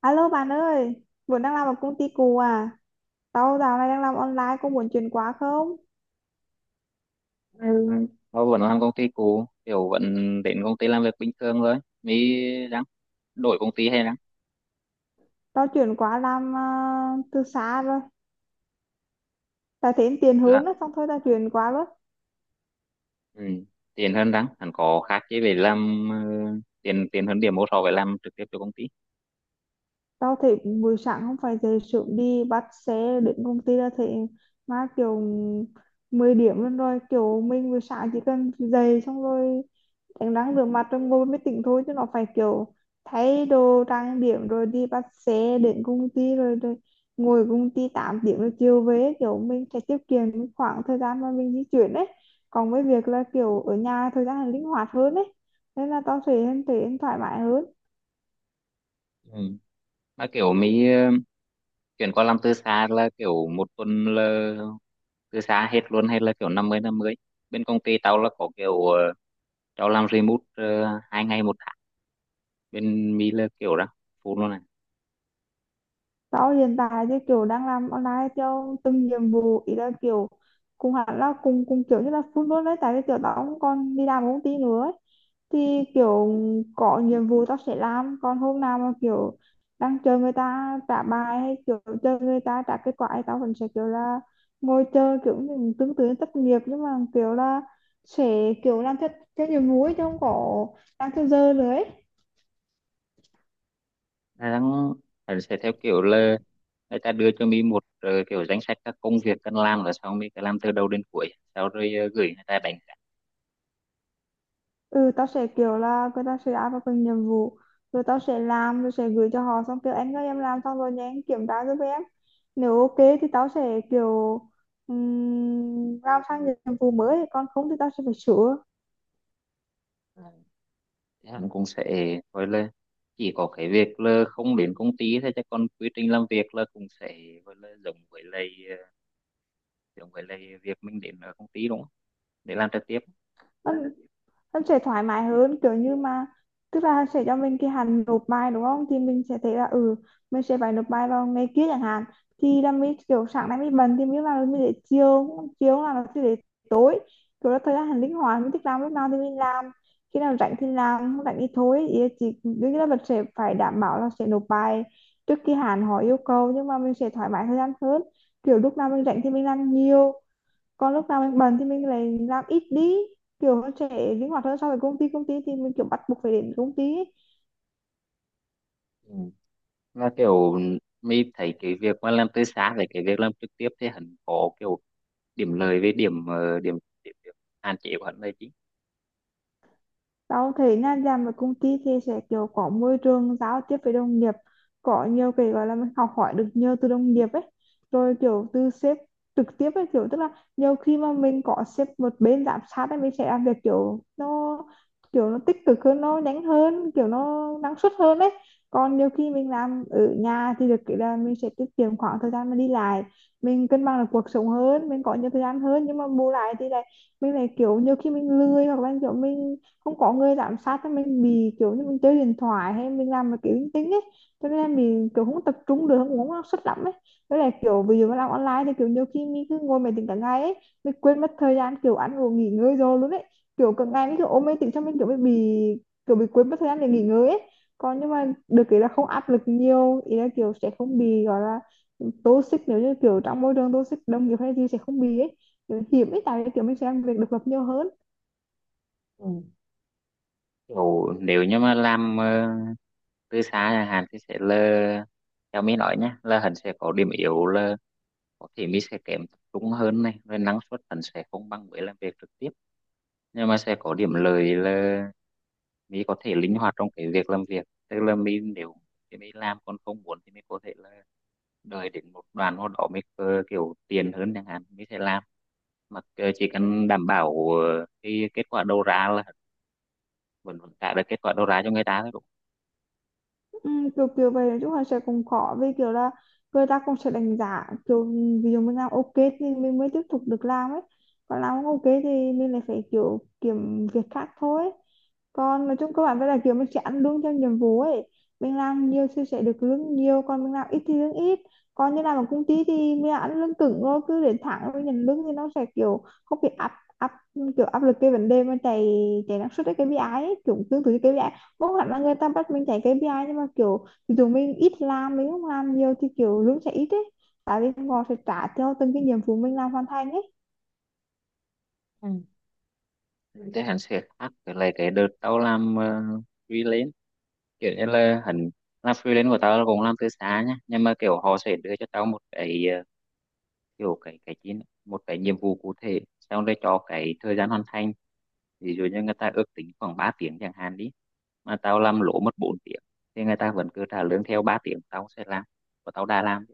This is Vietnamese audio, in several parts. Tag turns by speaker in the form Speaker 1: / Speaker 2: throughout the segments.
Speaker 1: Alo bạn ơi, vẫn đang làm ở công ty cũ à? Tao dạo này đang làm online, có muốn chuyển qua không?
Speaker 2: Ừ. Tôi vẫn làm công ty cũ, kiểu vẫn đến công ty làm việc bình thường thôi. Mới ráng đổi công ty hay ráng
Speaker 1: Tao chuyển qua làm từ xa rồi. Tao thấy tiền hướng
Speaker 2: là
Speaker 1: đó, xong thôi tao chuyển qua luôn.
Speaker 2: ừ. Tiền hơn ráng, hẳn có khác chứ về làm tiền tiền hơn điểm một so với làm trực tiếp cho công ty.
Speaker 1: Tao thấy buổi sáng không phải dậy sớm đi bắt xe đến công ty là thấy mà kiểu 10 điểm luôn rồi. Kiểu mình buổi sáng chỉ cần dậy xong rồi em đang rửa mặt rồi ngồi mới tỉnh thôi, chứ nó phải kiểu thay đồ trang điểm rồi đi bắt xe đến công ty rồi, rồi ngồi công ty 8 tiếng rồi chiều về, kiểu mình sẽ tiết kiệm những khoảng thời gian mà mình di chuyển ấy. Còn với việc là kiểu ở nhà thời gian là linh hoạt hơn ấy, nên là tao sẽ thấy em thoải mái hơn.
Speaker 2: Ừ. Mà kiểu mới chuyển qua làm từ xa là kiểu một tuần là từ xa hết luôn, hay là kiểu năm mươi năm 50. Bên công ty tao là có kiểu tao làm remote 2 ngày một tháng. Bên mi là kiểu đó, full luôn.
Speaker 1: Tao hiện tại thì kiểu đang làm online theo từng nhiệm vụ, ý là kiểu cùng hẳn là cùng cùng kiểu như là full luôn đấy, tại vì kiểu tao cũng còn đi làm ở công ty nữa ấy. Thì kiểu có nhiệm vụ tao sẽ làm, còn hôm nào mà kiểu đang chờ người ta trả bài hay kiểu chờ người ta trả kết quả thì tao vẫn sẽ kiểu là ngồi chờ, kiểu như tương tự như thất nghiệp, nhưng mà kiểu là sẽ kiểu làm theo theo nhiệm vụ ấy, chứ không có làm theo giờ nữa ấy.
Speaker 2: Đà đang phải sẽ theo kiểu là người ta đưa cho mi một kiểu danh sách các công việc cần làm, là sau mi cứ làm từ đầu đến cuối, sau rồi gửi người ta đánh giá.
Speaker 1: Ừ, tao sẽ kiểu là người ta sẽ áp vào từng nhiệm vụ, rồi tao sẽ làm rồi sẽ gửi cho họ, xong kêu anh ơi em làm xong rồi nha anh kiểm tra giúp em. Nếu ok thì tao sẽ kiểu làm sang nhiệm vụ mới, còn không thì tao sẽ phải sửa.
Speaker 2: Ờ, thì hắn cũng sẽ gọi là chỉ có cái việc là không đến công ty thôi, chứ còn quy trình làm việc là cũng sẽ gọi là giống với lại giống với lại việc mình đến ở công ty, đúng không, để làm trực tiếp.
Speaker 1: Nó sẽ thoải mái hơn kiểu như mà, tức là sẽ cho mình cái hạn nộp bài đúng không, thì mình sẽ thấy là ừ mình sẽ phải nộp bài vào ngày kia chẳng hạn, thì là mình kiểu sáng nay mình bận thì mình làm mình để chiều, chiều là nó sẽ để tối, kiểu là thời gian linh hoạt mình thích làm lúc nào thì mình làm, khi nào rảnh thì làm không rảnh thì thôi, ý là chỉ đương nhiên là mình sẽ phải đảm bảo là sẽ nộp bài trước khi hạn họ yêu cầu, nhưng mà mình sẽ thoải mái thời gian hơn, kiểu lúc nào mình rảnh thì mình làm nhiều, còn lúc nào mình bận thì mình lại làm ít đi, kiểu nó sẽ linh hoạt hơn so với công ty. Công ty thì mình kiểu bắt buộc phải đến công ty ấy.
Speaker 2: Ừ, là kiểu mi thấy cái việc mà làm từ xa với cái việc làm trực tiếp thì hắn có kiểu điểm lợi với điểm ờ, điểm, điểm, điểm hạn chế của hắn là
Speaker 1: Tao thấy nha, làm ở công ty thì sẽ kiểu có môi trường giao tiếp với đồng nghiệp, có nhiều cái gọi là mình học hỏi được nhiều từ đồng nghiệp ấy, rồi kiểu từ sếp trực tiếp ấy, kiểu tức là nhiều khi mà mình có sếp một bên giám sát ấy, mình sẽ làm việc kiểu nó tích cực hơn, nó nhanh hơn, kiểu nó năng suất hơn đấy. Còn nhiều khi mình làm ở nhà thì được cái là mình sẽ tiết kiệm khoảng thời gian mà đi lại, mình cân bằng được cuộc sống hơn, mình có nhiều thời gian hơn, nhưng mà bù lại thì lại mình lại kiểu nhiều khi mình lười, hoặc là kiểu mình không có người giám sát thì mình bị kiểu như mình chơi điện thoại hay mình làm cái kiểu linh tinh ấy, cho nên là mình kiểu không tập trung được, không có năng suất lắm ấy. Với lại kiểu ví dụ mà làm online thì kiểu nhiều khi mình cứ ngồi máy tính cả ngày ấy, mình quên mất thời gian kiểu ăn uống nghỉ ngơi rồi luôn ấy, kiểu cả ngày mình kiểu ôm máy tính, cho mình kiểu mình bị kiểu bị quên mất thời gian để nghỉ ngơi ấy. Còn nhưng mà được cái là không áp lực nhiều, ý là kiểu sẽ không bị gọi là toxic, nếu như kiểu trong môi trường toxic đồng nghiệp hay gì sẽ không bị ấy, kiểu hiểm ấy, tại vì kiểu mình sẽ làm việc độc lập nhiều hơn.
Speaker 2: chính. Ồ, nếu như mà làm từ xa chẳng hạn thì sẽ là, theo mình nói nhé, là hắn sẽ có điểm yếu là có thể mình sẽ kém tập trung hơn này, rồi năng suất hắn sẽ không bằng với làm việc trực tiếp, nhưng mà sẽ có điểm lợi là mình có thể linh hoạt trong cái việc làm việc, tức là mình nếu thì mình làm, còn không muốn thì mình có thể là đợi đến một đoạn nào đó mình kiểu tiền hơn chẳng hạn mình sẽ làm, mà chỉ cần đảm bảo cái kết quả đầu ra là vẫn vẫn trả được kết quả đầu ra cho người ta thôi.
Speaker 1: Ừ, kiểu kiểu vậy, nói chung là sẽ cũng khó vì kiểu là người ta cũng sẽ đánh giá kiểu ví dụ mình làm ok thì mình mới tiếp tục được làm ấy, còn làm không ok thì mình lại phải kiểu kiếm việc khác thôi. Còn nói chung các bạn với là kiểu mình sẽ ăn lương theo nhiệm vụ ấy, mình làm nhiều thì sẽ được lương nhiều, còn mình làm ít thì lương ít. Còn như làm ở công ty thì mình ăn lương cứng, rồi cứ đến tháng rồi nhận lương thì nó sẽ kiểu không bị áp, áp, kiểu áp lực cái vấn đề mà chạy chạy năng suất cái KPI ấy, kiểu tương tự như KPI. Không hẳn là người ta bắt mình chạy KPI, nhưng mà kiểu thì dụ mình ít làm mình không làm nhiều thì kiểu lương sẽ ít ấy, tại vì họ sẽ trả theo từng cái nhiệm vụ mình làm hoàn thành ấy.
Speaker 2: Đúng, thế anh sẽ khác với lại cái đợt tao làm freelance. Kiểu như là hẳn làm freelance của tao là cũng làm từ xa nhá, nhưng mà kiểu họ sẽ đưa cho tao một cái kiểu cái chín một cái nhiệm vụ cụ thể, xong rồi cho cái thời gian hoàn thành. Ví dụ như người ta ước tính khoảng 3 tiếng chẳng hạn đi, mà tao làm lỗ mất 4 tiếng, thì người ta vẫn cứ trả lương theo 3 tiếng tao sẽ làm và tao đã làm.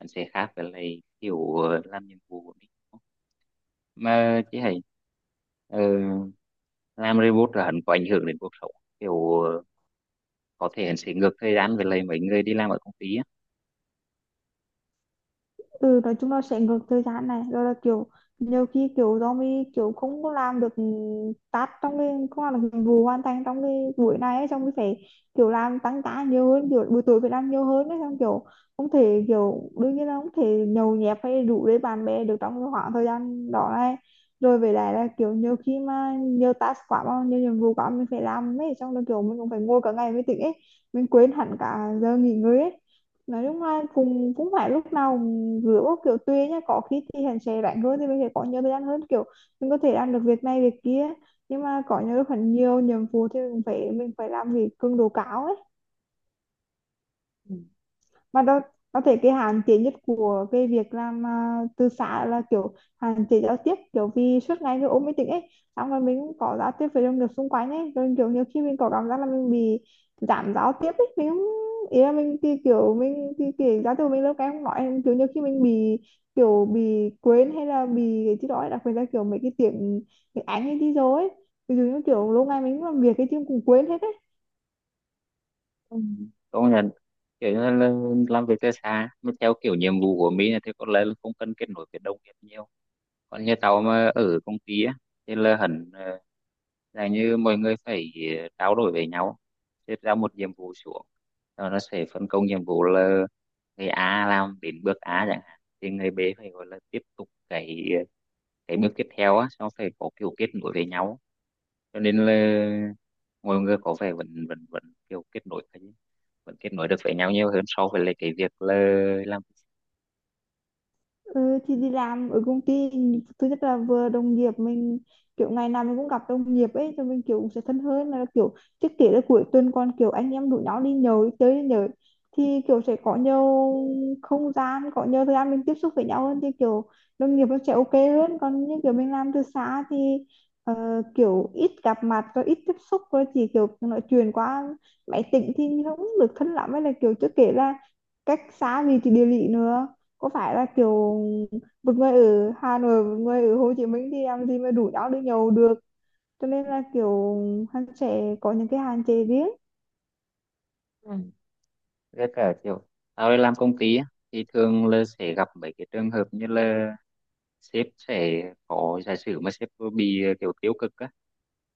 Speaker 2: Hẳn sẽ khác với lại kiểu làm nhiệm vụ của mình mà chị hãy làm robot là hắn có ảnh hưởng đến cuộc sống, kiểu có thể hắn sẽ ngược thời gian về lại mấy người đi làm ở công ty á.
Speaker 1: Ừ, nói chung là sẽ ngược thời gian này, rồi là kiểu nhiều khi kiểu do mình kiểu không có làm được task, trong cái không làm được nhiệm vụ hoàn thành trong cái buổi này ấy, xong mình phải kiểu làm tăng ca nhiều hơn, kiểu buổi tối phải làm nhiều hơn ấy, xong kiểu không thể, kiểu đương nhiên là không thể nhậu nhẹt hay rủ với bạn bè được trong cái khoảng thời gian đó này, rồi về lại là kiểu nhiều khi mà nhiều task quá mà nhiều nhiệm vụ quá mình phải làm ấy, xong rồi kiểu mình cũng phải ngồi cả ngày mới tỉnh ấy, mình quên hẳn cả giờ nghỉ ngơi ấy. Nói chung là cũng cũng phải lúc nào cũng rửa bốc, kiểu tùy nhá, có khi thì hắn sẽ rảnh hơn thì mình sẽ có nhiều thời gian hơn, kiểu mình có thể làm được việc này việc kia, nhưng mà có nhiều lúc hẳn nhiều nhiệm vụ thì mình phải làm việc cường độ cao ấy.
Speaker 2: Ừ.
Speaker 1: Mà đó, có thể cái hạn chế nhất của cái việc làm từ xã là kiểu hạn chế giao tiếp, kiểu vì suốt ngày cứ ôm máy tính ấy, xong rồi mình cũng có giao tiếp với đồng nghiệp xung quanh ấy, rồi kiểu nhiều khi mình có cảm giác là mình bị giảm giao tiếp ấy, mình không, ý là mình thì kiểu giao tiếp của mình lâu cái không nói, kiểu nhiều khi mình bị kiểu bị quên hay là bị cái gì đó ấy, đặc biệt là kiểu mấy cái tiếng tiếng Anh ấy đi rồi ấy, ví dụ như kiểu lâu ngày mình làm việc cái chứ cũng quên hết ấy.
Speaker 2: Ừ. Có là kiểu như là làm việc từ xa mà theo kiểu nhiệm vụ của mình thì có lẽ là không cần kết nối với đồng nghiệp nhiều, còn như tao mà ở công ty á thì là hẳn là như mọi người phải trao đổi với nhau, xếp ra một nhiệm vụ xuống. Rồi nó sẽ phân công nhiệm vụ là người A làm đến bước A chẳng hạn thì người B phải gọi là tiếp tục cái bước tiếp theo á, xong phải có kiểu kết nối với nhau, cho nên là mọi người có vẻ vẫn vẫn vẫn kiểu kết nối vẫn kết nối được với nhau nhiều hơn so với lại cái việc là làm.
Speaker 1: Ừ, thì đi làm ở công ty thứ nhất là vừa đồng nghiệp mình, kiểu ngày nào mình cũng gặp đồng nghiệp ấy, cho mình kiểu cũng sẽ thân hơn là kiểu trước kể là cuối tuần còn kiểu anh em rủ nhau đi nhậu đi chơi đi nhậu, thì kiểu sẽ có nhiều không gian, có nhiều thời gian mình tiếp xúc với nhau hơn, thì kiểu đồng nghiệp nó sẽ ok hơn. Còn như kiểu mình làm từ xa thì ờ, kiểu ít gặp mặt rồi ít tiếp xúc rồi chỉ kiểu nói chuyện qua máy tính thì không được thân lắm, hay là kiểu trước kể là cách xa vì thì địa lý nữa, có phải là kiểu một người ở Hà Nội một người ở Hồ Chí Minh thì làm gì mà đủ nhau đi nhậu được, cho nên là kiểu hắn sẽ có những cái hạn chế riêng.
Speaker 2: Ừ, với cả kiểu tao đi làm công ty á thì thường là sẽ gặp mấy cái trường hợp như là sếp sẽ có, giả sử mà sếp bị kiểu tiêu cực á,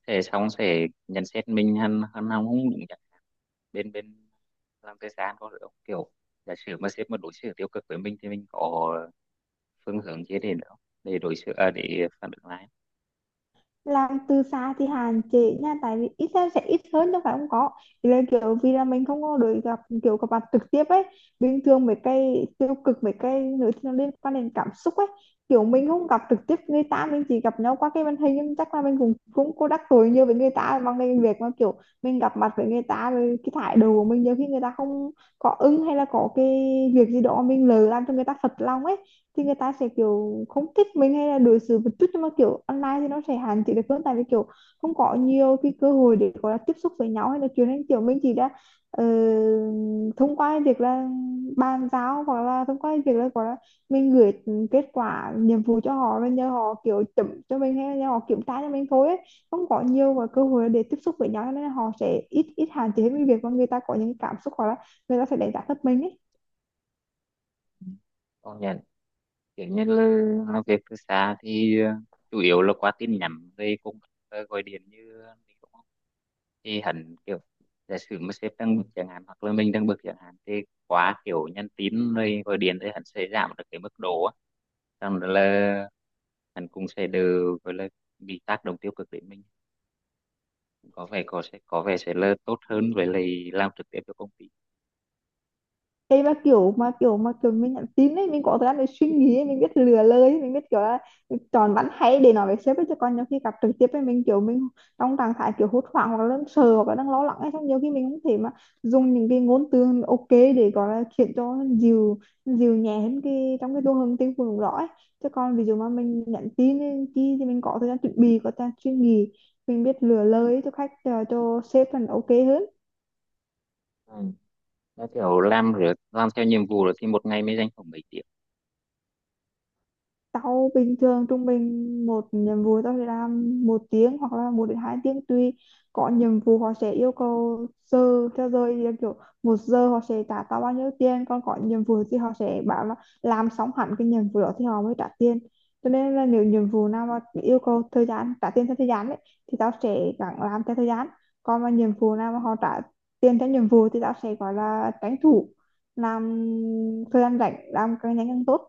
Speaker 2: sẽ xong sẽ nhận xét mình hắn hắn không đúng. Bên bên làm thời gian có được không? Kiểu giả sử mà sếp mà đối xử tiêu cực với mình thì mình có phương hướng gì để nữa, để đối xử à, để phản ứng lại.
Speaker 1: Làm từ xa thì hạn chế nha, tại vì ít ra sẽ ít hơn đâu phải không có, thì là kiểu vì là mình không có được gặp kiểu gặp mặt trực tiếp ấy, bình thường mấy cái tiêu cực mấy cái nữa thì nó liên quan đến cảm xúc ấy, kiểu mình không gặp trực tiếp người ta, mình chỉ gặp nhau qua cái màn hình, nhưng chắc là mình cũng cũng có đắc tội nhiều với người ta bằng cái việc mà kiểu mình gặp mặt với người ta rồi cái thái độ của mình nhiều khi người ta không có ưng, hay là có cái việc gì đó mình lỡ làm cho người ta phật lòng ấy, thì người ta sẽ kiểu không thích mình hay là đối xử một chút, nhưng mà kiểu online thì nó sẽ hạn chế được hơn, tại vì kiểu không có nhiều cái cơ hội để gọi là tiếp xúc với nhau hay là chuyện, nên kiểu mình chỉ đã ờ, thông qua cái việc là bàn giao, hoặc là thông qua cái việc là gọi là mình gửi kết quả nhiệm vụ cho họ rồi nhờ họ kiểu chấm cho mình hay là nhờ họ kiểm tra cho mình thôi ấy. Không có nhiều và cơ hội để tiếp xúc với nhau, cho nên là họ sẽ ít ít hạn chế hơn cái việc mà người ta có những cảm xúc hoặc là người ta sẽ đánh giá thấp mình ấy.
Speaker 2: Công nhận, kiểu như là làm việc từ xa thì chủ yếu là qua tin nhắn rồi cũng gọi điện như mình cũng, thì hẳn kiểu giả sử mà sếp đang bực chẳng hạn hoặc là mình đang bực chẳng hạn thì quá kiểu nhắn tin rồi gọi điện thì hẳn sẽ giảm được cái mức độ á, xong rồi là hẳn cũng sẽ đều gọi là bị tác động tiêu cực đến mình. Có vẻ sẽ là tốt hơn với lại làm trực tiếp cho công ty.
Speaker 1: Đây mà kiểu mình nhắn tin ấy, mình có thời gian để suy nghĩ ấy, mình biết lừa lời ấy, mình biết kiểu là chọn bắn hay để nói với sếp ấy, chứ còn nhiều khi gặp trực tiếp ấy mình kiểu mình trong trạng thái kiểu hốt hoảng hoặc là đang sợ hoặc là đang lo lắng ấy, xong nhiều khi mình không thể mà dùng những cái ngôn từ ok để gọi là khiến cho dịu, nhẹ hơn cái trong cái đô hương tinh thần đó ấy, chứ còn ví dụ mà mình nhắn tin ấy, chi thì mình có thời gian chuẩn bị, có thời gian suy nghĩ, mình biết lựa lời ấy cho khách cho sếp là ok hơn.
Speaker 2: Ừ, nó kiểu làm rồi làm theo nhiệm vụ rồi thì một ngày mới dành khoảng mấy tiếng?
Speaker 1: Tao bình thường trung bình một nhiệm vụ tao sẽ làm 1 tiếng hoặc là 1 đến 2 tiếng tùy. Có nhiệm vụ họ sẽ yêu cầu giờ theo giờ thì là kiểu 1 giờ họ sẽ trả tao bao nhiêu tiền, còn có nhiệm vụ thì họ sẽ bảo là làm xong hẳn cái nhiệm vụ đó thì họ mới trả tiền, cho nên là nếu nhiệm vụ nào mà yêu cầu thời gian trả tiền theo thời gian ấy, thì tao sẽ gắng làm theo thời gian. Còn mà nhiệm vụ nào mà họ trả tiền theo nhiệm vụ thì tao sẽ gọi là tranh thủ làm thời gian rảnh, làm càng nhanh càng tốt.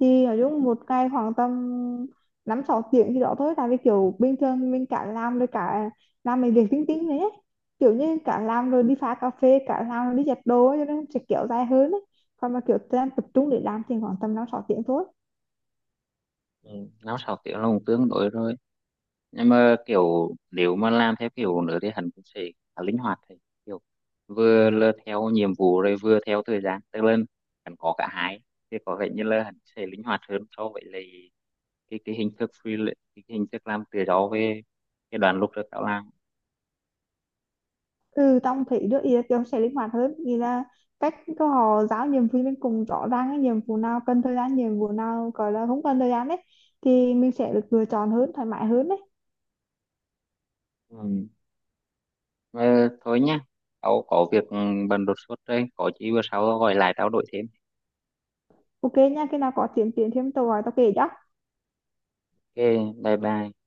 Speaker 1: Thì nói chung một ngày khoảng tầm 5 6 tiếng thì đó thôi, tại vì kiểu bình thường mình cả làm rồi cả làm mấy việc tính tính đấy ấy, kiểu như cả làm rồi đi pha cà phê, cả làm rồi đi giặt đồ ấy, cho nên sẽ kiểu dài hơn ấy. Còn mà kiểu đang tập trung để làm thì khoảng tầm 5 6 tiếng thôi.
Speaker 2: Ừ, 5 6 tiếng là cũng tương đối rồi, nhưng mà kiểu nếu mà làm theo kiểu nữa thì hắn cũng sẽ khá linh hoạt, thì kiểu vừa là theo nhiệm vụ rồi vừa theo thời gian, tức là hắn có cả hai thì có vẻ như là hắn sẽ linh hoạt hơn so với lại cái hình thức free cái hình thức làm tự do về cái đoàn lúc trước tao làm.
Speaker 1: Ừ, tao thấy được, ý là kiểu sẽ linh hoạt hơn, nghĩa là cách có họ giao nhiệm vụ mình cùng rõ ràng cái nhiệm vụ nào cần thời gian, nhiệm vụ nào gọi là không cần thời gian đấy, thì mình sẽ được lựa chọn hơn, thoải mái hơn đấy.
Speaker 2: Ừ. Ờ, thôi nhá, tao có việc bận đột xuất đây, có gì bữa sau tao gọi lại tao đổi thêm.
Speaker 1: Ok nha, khi nào có tiến triển thêm tao gọi tao kể cho.
Speaker 2: Ok, bye bye.